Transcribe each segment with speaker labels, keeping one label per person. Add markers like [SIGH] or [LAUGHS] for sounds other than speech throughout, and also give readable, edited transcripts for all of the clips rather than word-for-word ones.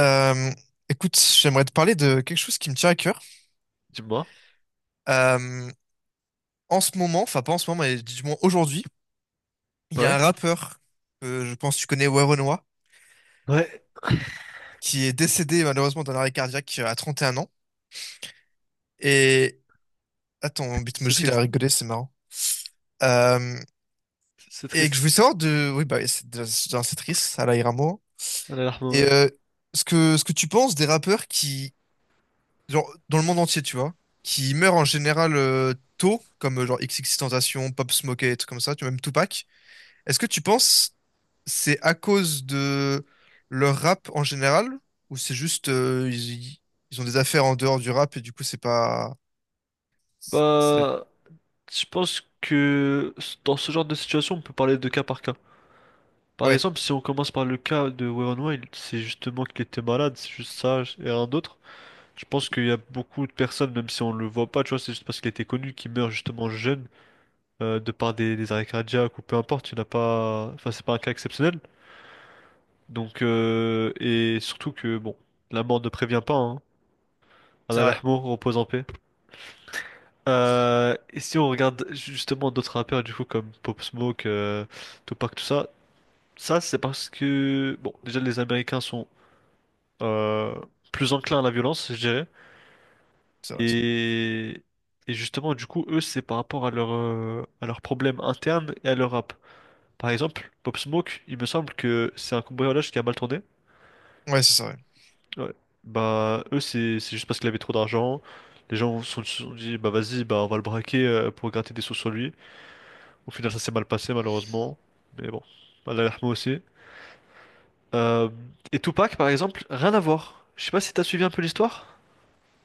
Speaker 1: Euh, Écoute, j'aimerais te parler de quelque chose qui me tient à cœur.
Speaker 2: Dis-moi.
Speaker 1: Euh, En ce moment, enfin pas en ce moment, mais du moins aujourd'hui, il y a
Speaker 2: Ouais.
Speaker 1: un rappeur, que je pense que tu connais, Werenoi,
Speaker 2: Ouais,
Speaker 1: qui est décédé malheureusement d'un arrêt cardiaque à 31 ans. Et attends, mon
Speaker 2: c'est
Speaker 1: Bitmoji, il a
Speaker 2: triste.
Speaker 1: rigolé, c'est marrant. Euh,
Speaker 2: C'est
Speaker 1: et que
Speaker 2: triste.
Speaker 1: je voulais savoir de, oui bah oui, c'est de- c'est d'un- c'est triste, à Iramo.
Speaker 2: Allah yarhamou,
Speaker 1: Et
Speaker 2: ouais.
Speaker 1: ce que tu penses des rappeurs qui, genre dans le monde entier, tu vois, qui meurent en général tôt, comme genre XXXTentacion, Pop Smoke et tout comme ça, tu vois, même Tupac. Est-ce que tu penses c'est à cause de leur rap en général, ou c'est juste ils ont des affaires en dehors du rap et du coup c'est pas c'est-
Speaker 2: Bah, je pense que dans ce genre de situation, on peut parler de cas. Par
Speaker 1: ouais,
Speaker 2: exemple, si on commence par le cas de Wayron Wild, c'est justement qu'il était malade, c'est juste ça et rien d'autre. Je pense qu'il y a beaucoup de personnes, même si on le voit pas, tu vois, c'est juste parce qu'il était connu, qui meurt justement jeune, de par des arrêts cardiaques ou peu importe, il n'y en a pas, enfin, c'est pas un cas exceptionnel. Donc, et surtout que, bon, la mort ne prévient pas, hein.
Speaker 1: c'est
Speaker 2: Allah
Speaker 1: vrai,
Speaker 2: yarhamou, repose en paix. Et si on regarde justement d'autres rappeurs, du coup, comme Pop Smoke, Tupac, tout ça, ça c'est parce que, bon, déjà les Américains sont euh, plus enclins à la violence, je dirais.
Speaker 1: c'est vrai ça.
Speaker 2: Et, et justement, du coup, eux, c'est par rapport à leur, à leurs problèmes internes et à leur rap. Par exemple, Pop Smoke, il me semble que c'est un cambriolage qui a mal tourné.
Speaker 1: Ouais, c'est ça, ouais.
Speaker 2: Ouais. Bah, eux, c'est juste parce qu'il avait trop d'argent. Les gens se sont dit, bah vas-y, bah on va le braquer pour gratter des sous sur lui. Au final, ça s'est mal passé, malheureusement. Mais bon, Allah yarhamou aussi. Euh, et Tupac, par exemple, rien à voir. Je sais pas si t'as suivi un peu l'histoire.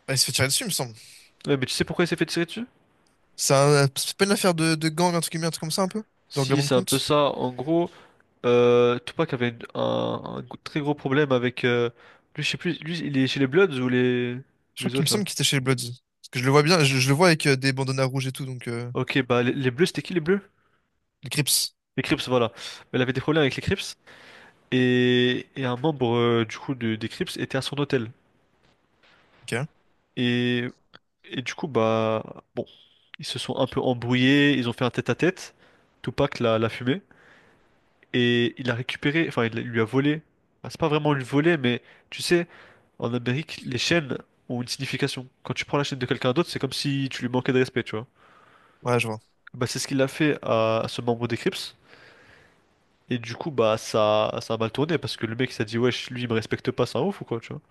Speaker 1: Bah, il se fait tirer dessus, il me semble.
Speaker 2: Ouais, mais tu sais pourquoi il s'est fait tirer dessus?
Speaker 1: C'est pas une affaire de gang, un truc comme ça, un peu, de
Speaker 2: Si,
Speaker 1: règlement de
Speaker 2: c'est un peu
Speaker 1: compte.
Speaker 2: ça. En gros, Tupac avait un très gros problème avec... lui, je sais plus, lui, il est chez les Bloods ou
Speaker 1: Je crois
Speaker 2: les
Speaker 1: qu'il me
Speaker 2: autres, là?
Speaker 1: semble qu'il était chez les Bloods parce que je le vois bien, je le vois avec des bandanas rouges et tout, donc
Speaker 2: Ok, bah, les Bleus, c'était qui, les Bleus?
Speaker 1: les Crips.
Speaker 2: Les Crips, voilà. Mais il avait des problèmes avec les Crips. Et un membre, du coup, des Crips était à son hôtel.
Speaker 1: Ok.
Speaker 2: Et Et du coup, bah, bon, ils se sont un peu embrouillés, ils ont fait un tête-à-tête. Tupac l'a fumé et il a récupéré, enfin, il lui a volé. Enfin, c'est pas vraiment lui voler, mais tu sais, en Amérique, les chaînes ont une signification. Quand tu prends la chaîne de quelqu'un d'autre, c'est comme si tu lui manquais de respect, tu vois.
Speaker 1: Ouais, je vois.
Speaker 2: Bah, c'est ce qu'il a fait à ce membre des Crips. Et du coup, bah, ça a mal tourné parce que le mec, il s'est dit, wesh, lui, il me respecte pas, c'est un ouf ou quoi, tu vois.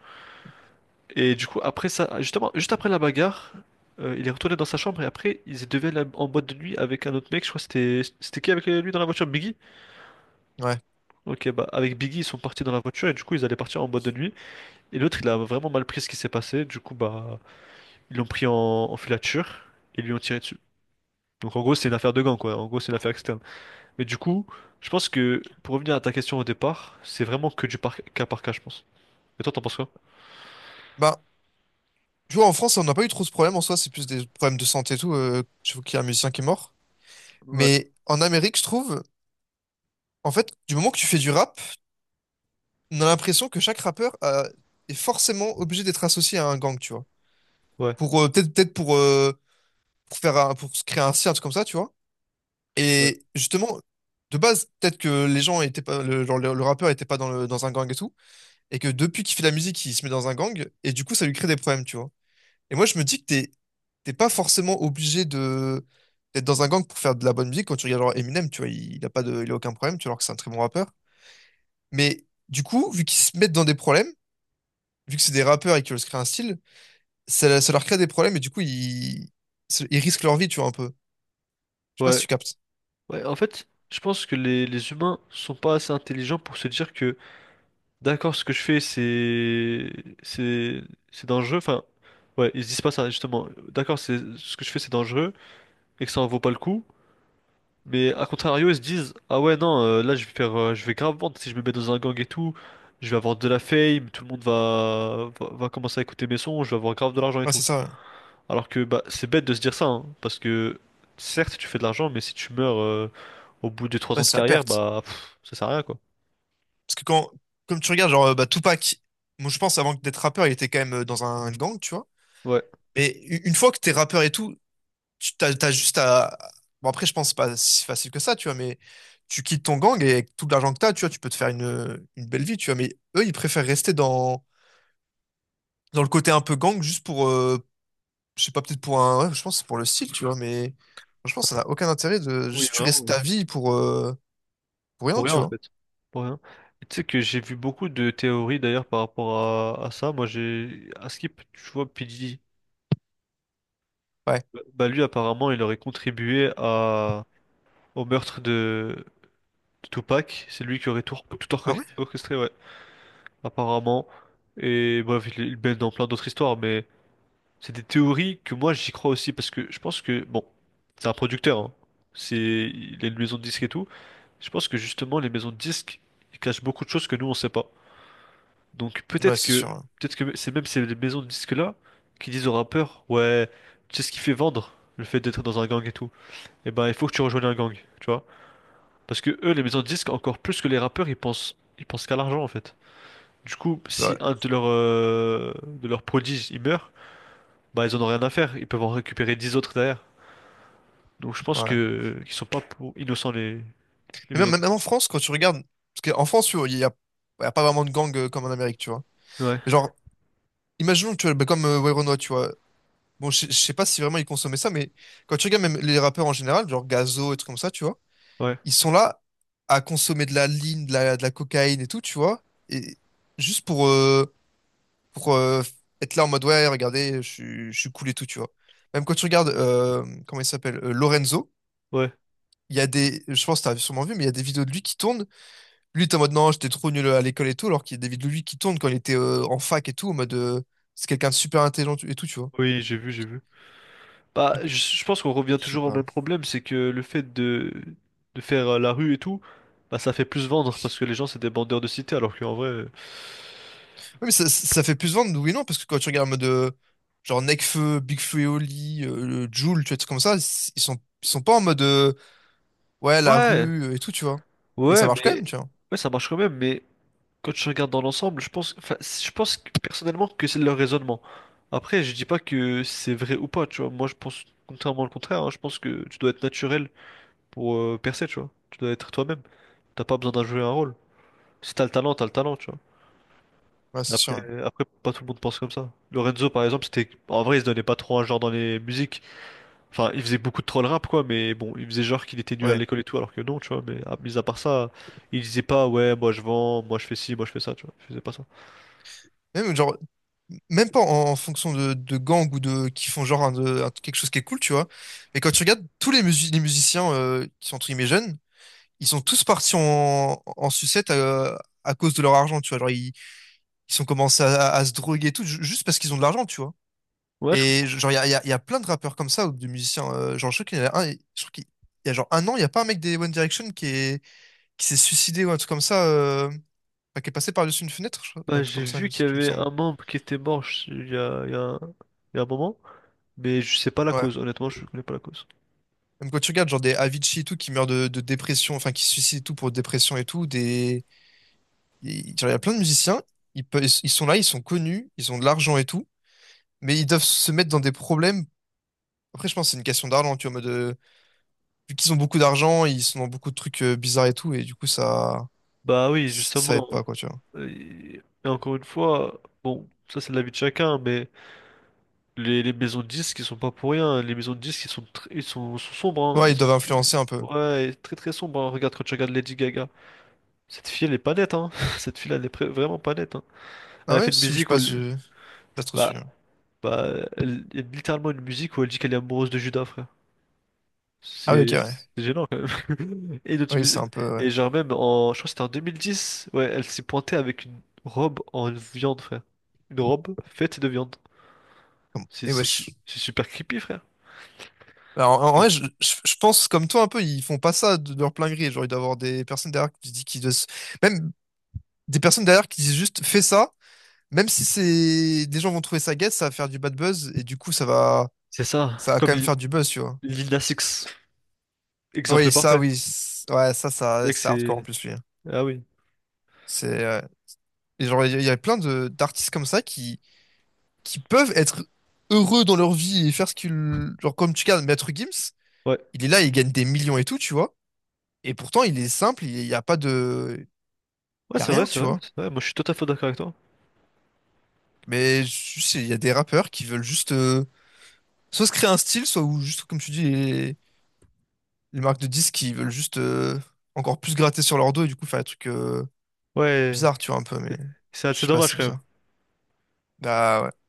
Speaker 2: Et du coup, après ça, justement, juste après la bagarre, il est retourné dans sa chambre et après, ils deviennent en boîte de nuit avec un autre mec. Je crois que c'était qui avec lui dans la voiture? Biggie?
Speaker 1: Ouais.
Speaker 2: Ok, bah avec Biggie, ils sont partis dans la voiture et du coup, ils allaient partir en boîte de nuit. Et l'autre, il a vraiment mal pris ce qui s'est passé. Du coup, bah, ils l'ont pris en filature et lui ont tiré dessus. Donc en gros, c'est une affaire de gang, quoi. En gros, c'est une affaire externe. Mais du coup, je pense que pour revenir à ta question au départ, c'est vraiment que cas par cas, je pense. Et toi, t'en penses quoi?
Speaker 1: Bah, tu vois, en France on n'a pas eu trop ce problème en soi, c'est plus des problèmes de santé et tout. Je vois qu'il y a un musicien qui est mort.
Speaker 2: Ouais,
Speaker 1: Mais en Amérique, je trouve, en fait, du moment que tu fais du rap, on a l'impression que chaque rappeur est forcément obligé d'être associé à un gang, tu vois.
Speaker 2: ouais,
Speaker 1: Pour peut-être pour pour se créer un cirque comme ça, tu vois.
Speaker 2: ouais.
Speaker 1: Et justement, de base, peut-être que les gens étaient pas genre, le rappeur était pas dans un gang et tout, et que depuis qu'il fait de la musique, il se met dans un gang, et du coup, ça lui crée des problèmes, tu vois. Et moi, je me dis que t'es pas forcément obligé de d'être dans un gang pour faire de la bonne musique. Quand tu regardes genre Eminem, tu vois, il a pas de, il a aucun problème, tu vois, alors que c'est un très bon rappeur. Mais du coup, vu qu'ils se mettent dans des problèmes, vu que c'est des rappeurs et qu'ils veulent se créer un style, ça leur crée des problèmes et du coup, ils risquent leur vie, tu vois, un peu. Je sais pas si
Speaker 2: Ouais,
Speaker 1: tu captes.
Speaker 2: Ouais, en fait, je pense que les humains sont pas assez intelligents pour se dire que, d'accord, ce que je fais, c'est, c'est dangereux. Enfin, ouais, ils se disent pas ça, justement. D'accord, c'est, ce que je fais, c'est dangereux et que ça en vaut pas le coup. Mais à contrario, ils se disent, ah ouais, non, là, je vais faire, je vais grave vendre si je me mets dans un gang et tout. Je vais avoir de la fame, tout le monde va commencer à écouter mes sons, je vais avoir grave de l'argent et
Speaker 1: Ouais,
Speaker 2: tout.
Speaker 1: c'est ça. Ouais.
Speaker 2: Alors que bah, c'est bête de se dire ça, hein, parce que certes tu fais de l'argent, mais si tu meurs au bout de trois
Speaker 1: Ouais,
Speaker 2: ans de
Speaker 1: c'est à
Speaker 2: carrière,
Speaker 1: perte.
Speaker 2: bah pff, ça sert à rien quoi.
Speaker 1: Parce que quand, comme tu regardes, genre, bah, Tupac, moi, je pense, avant d'être rappeur, il était quand même dans un gang, tu vois.
Speaker 2: Ouais.
Speaker 1: Mais une fois que t'es rappeur et tout, tu t'as juste à. Bon, après, je pense pas si facile que ça, tu vois, mais tu quittes ton gang et avec tout l'argent que t'as, tu vois, tu peux te faire une belle vie, tu vois. Mais eux, ils préfèrent rester dans le côté un peu gang juste pour, je sais pas, peut-être pour un. Ouais, je pense que c'est pour le style, tu vois, mais franchement, ça n'a aucun intérêt de
Speaker 2: Oui,
Speaker 1: juste tu restes
Speaker 2: vraiment.
Speaker 1: ta vie pour rien,
Speaker 2: Pour rien
Speaker 1: tu
Speaker 2: en
Speaker 1: vois.
Speaker 2: fait. Pour rien. Et tu sais que j'ai vu beaucoup de théories d'ailleurs par rapport à ça. Moi j'ai à Skip, tu vois, P. Diddy,
Speaker 1: Ouais.
Speaker 2: lui apparemment il aurait contribué à au meurtre de Tupac. C'est lui qui aurait tout
Speaker 1: Ah ouais?
Speaker 2: orchestré, ouais, apparemment. Et bref, il baigne dans plein d'autres histoires, mais. C'est des théories que moi j'y crois aussi parce que je pense que bon, c'est un producteur, hein. C'est il a une maison de disques et tout. Je pense que justement les maisons de disques ils cachent beaucoup de choses que nous on sait pas. Donc
Speaker 1: Ouais, c'est sûr.
Speaker 2: peut-être que c'est même ces maisons de disques là qui disent aux rappeurs ouais, tu sais ce qui fait vendre le fait d'être dans un gang et tout. Et ben il faut que tu rejoignes un gang, tu vois? Parce que eux les maisons de disques encore plus que les rappeurs ils pensent qu'à l'argent en fait. Du coup si
Speaker 1: Ouais.
Speaker 2: un de leurs prodiges il meurt, bah ils en ont rien à faire. Ils peuvent en récupérer 10 autres derrière. Donc je pense
Speaker 1: Ouais.
Speaker 2: que qu'ils sont pas pour innocents les
Speaker 1: Mais
Speaker 2: maisons de
Speaker 1: même,
Speaker 2: disques.
Speaker 1: même en France, quand tu regardes. Parce qu'en France, tu vois, il y a pas vraiment de gang comme en Amérique, tu vois.
Speaker 2: Ouais,
Speaker 1: Mais genre, imaginons, que tu vois, bah, comme Werenoi, tu vois. Bon, je sais pas si vraiment ils consommaient ça, mais quand tu regardes même les rappeurs en général, genre Gazo et trucs comme ça, tu vois,
Speaker 2: ouais,
Speaker 1: ils sont là à consommer de la ligne, de la cocaïne et tout, tu vois. Et juste pour être là en mode ouais, regardez, je suis cool et tout, tu vois. Même quand tu regardes, comment il s'appelle, Lorenzo,
Speaker 2: ouais.
Speaker 1: il y a des, je pense que t'as sûrement vu, mais il y a des vidéos de lui qui tournent. Lui, t'es en mode non, j'étais trop nul à l'école et tout, alors qu'il y a des vidéos de lui qui tournent quand il était en fac et tout, en mode c'est quelqu'un de super intelligent et tout, tu vois.
Speaker 2: Oui, j'ai vu,
Speaker 1: Ok.
Speaker 2: j'ai vu. Bah, je pense qu'on revient
Speaker 1: Je sais
Speaker 2: toujours au même
Speaker 1: pas.
Speaker 2: problème, c'est que le fait de faire la rue et tout, bah ça fait plus vendre parce que les gens c'est des bandeurs de cité, alors qu'en vrai,
Speaker 1: Oui, mais ça fait plus vendre, oui et non, parce que quand tu regardes en mode genre Nekfeu, Big Flo et Oli, Jul, tu vois, des trucs comme ça, ils sont pas en mode ouais, la
Speaker 2: ouais,
Speaker 1: rue et tout, tu vois. Et ça
Speaker 2: ouais,
Speaker 1: marche quand même,
Speaker 2: mais
Speaker 1: tu vois.
Speaker 2: ouais, ça marche quand même. Mais quand je regarde dans l'ensemble, je pense, enfin, personnellement que c'est leur raisonnement. Après, je dis pas que c'est vrai ou pas, tu vois. Moi, je pense contrairement au contraire. Hein, je pense que tu dois être naturel pour percer, tu vois. Tu dois être toi-même. T'as pas besoin d'en jouer un rôle. Si t'as le talent, t'as le talent, tu vois.
Speaker 1: Ouais, c'est sûr,
Speaker 2: Après,
Speaker 1: hein.
Speaker 2: après, pas tout le monde pense comme ça. Lorenzo, par exemple, c'était. En vrai, il se donnait pas trop un genre dans les musiques. Enfin, il faisait beaucoup de troll rap, quoi, mais bon, il faisait genre qu'il était nul à
Speaker 1: Ouais.
Speaker 2: l'école et tout, alors que non, tu vois. Mais mis à part ça, il disait pas, ouais, moi je vends, moi je fais ci, moi je fais ça, tu vois. Il faisait pas ça.
Speaker 1: Même, genre, même pas en fonction de gangs ou de qui font genre quelque chose qui est cool, tu vois. Mais quand tu regardes tous les musiciens qui sont entre guillemets jeunes, ils sont tous partis en sucette à cause de leur argent, tu vois. Genre, ils ont commencé à se droguer et tout, juste parce qu'ils ont de l'argent, tu vois.
Speaker 2: Ouais, je
Speaker 1: Et
Speaker 2: comprends.
Speaker 1: genre, il y a plein de rappeurs comme ça ou de musiciens. Genre, je crois qu'il y en a un, je crois qu'il il y a genre un an, il n'y a pas un mec des One Direction qui est, qui s'est suicidé ou un truc comme ça, enfin, qui est passé par-dessus une fenêtre, je crois,
Speaker 2: Bah,
Speaker 1: un truc
Speaker 2: j'ai
Speaker 1: comme ça,
Speaker 2: vu qu'il y
Speaker 1: il me
Speaker 2: avait
Speaker 1: semble.
Speaker 2: un membre qui était mort il y a, il y a un moment, mais je sais pas la
Speaker 1: Ouais.
Speaker 2: cause, honnêtement, je connais pas la cause.
Speaker 1: Même quand tu regardes genre des Avicii et tout qui meurent de dépression, enfin qui se suicident et tout pour dépression et tout, des. Genre, il y a plein de musiciens, ils sont là, ils sont connus, ils ont de l'argent et tout, mais ils doivent se mettre dans des problèmes. Après, je pense que c'est une question d'argent, tu vois, en mode, vu qu'ils ont beaucoup d'argent, ils sont dans beaucoup de trucs bizarres et tout, et du coup, ça,
Speaker 2: Bah oui,
Speaker 1: ça aide
Speaker 2: justement.
Speaker 1: pas, quoi, tu vois.
Speaker 2: Et, et encore une fois, bon, ça c'est l'avis de chacun, mais les maisons de disques, ils sont pas pour rien. Hein. Les maisons de disques, ils sont, sont sombres, hein.
Speaker 1: Ouais,
Speaker 2: Ils
Speaker 1: ils
Speaker 2: sont
Speaker 1: doivent influencer un peu.
Speaker 2: ouais, et très très sombres. Hein. Regarde quand tu regardes Lady Gaga. Cette fille, elle est pas nette, hein. [LAUGHS] Cette fille-là, elle est vraiment pas nette, hein.
Speaker 1: Ah
Speaker 2: Elle a fait
Speaker 1: ouais,
Speaker 2: une
Speaker 1: c'est où je
Speaker 2: musique où
Speaker 1: passe,
Speaker 2: elle...
Speaker 1: je suis pas trop
Speaker 2: Bah,
Speaker 1: sûr.
Speaker 2: elle... il y a littéralement une musique où elle dit qu'elle est amoureuse de Judas, frère.
Speaker 1: Ah ouais, ok, ouais.
Speaker 2: C'est gênant quand même. [LAUGHS] Et, dans
Speaker 1: Oui, c'est
Speaker 2: une
Speaker 1: un peu, ouais.
Speaker 2: et genre même, en... je crois que c'était en 2010, ouais, elle s'est pointée avec une robe en viande, frère. Une robe faite de viande.
Speaker 1: Et wesh.
Speaker 2: C'est super creepy, frère.
Speaker 1: Alors,
Speaker 2: Donc,
Speaker 1: en vrai, je pense comme toi un peu, ils font pas ça de leur plein gré. Genre, il doit y avoir des personnes derrière qui disent, même des personnes derrière qui disent juste fais ça, même si c'est des gens vont trouver ça guette, ça va faire du bad buzz et du coup ça va
Speaker 2: C'est ça,
Speaker 1: ça va
Speaker 2: comme
Speaker 1: quand même
Speaker 2: Li-
Speaker 1: faire du buzz, tu vois.
Speaker 2: Lil Nas X, exemple
Speaker 1: Oui, ça,
Speaker 2: parfait.
Speaker 1: oui, ouais, ça,
Speaker 2: Mec,
Speaker 1: c'est hardcore en
Speaker 2: c'est...
Speaker 1: plus lui.
Speaker 2: Ah oui,
Speaker 1: C'est Et genre, il y a plein de d'artistes comme ça qui peuvent être heureux dans leur vie et faire ce qu'ils, genre, comme tu regardes Maître Gims,
Speaker 2: ouais.
Speaker 1: il est là, il gagne des millions et tout, tu vois. Et pourtant, il est simple, il n'y a pas de.
Speaker 2: Ouais,
Speaker 1: Il y a
Speaker 2: c'est vrai,
Speaker 1: rien,
Speaker 2: c'est
Speaker 1: tu
Speaker 2: vrai,
Speaker 1: vois.
Speaker 2: c'est vrai. Moi, je suis tout à fait d'accord avec toi.
Speaker 1: Mais juste, il y a des rappeurs qui veulent juste soit se créer un style, soit ou juste, comme tu dis, les marques de disques qui veulent juste encore plus gratter sur leur dos et du coup faire des trucs
Speaker 2: Ouais,
Speaker 1: bizarres, tu vois, un peu. Mais je
Speaker 2: c'est
Speaker 1: sais pas,
Speaker 2: dommage
Speaker 1: c'est
Speaker 2: quand même.
Speaker 1: bizarre. Bah ouais.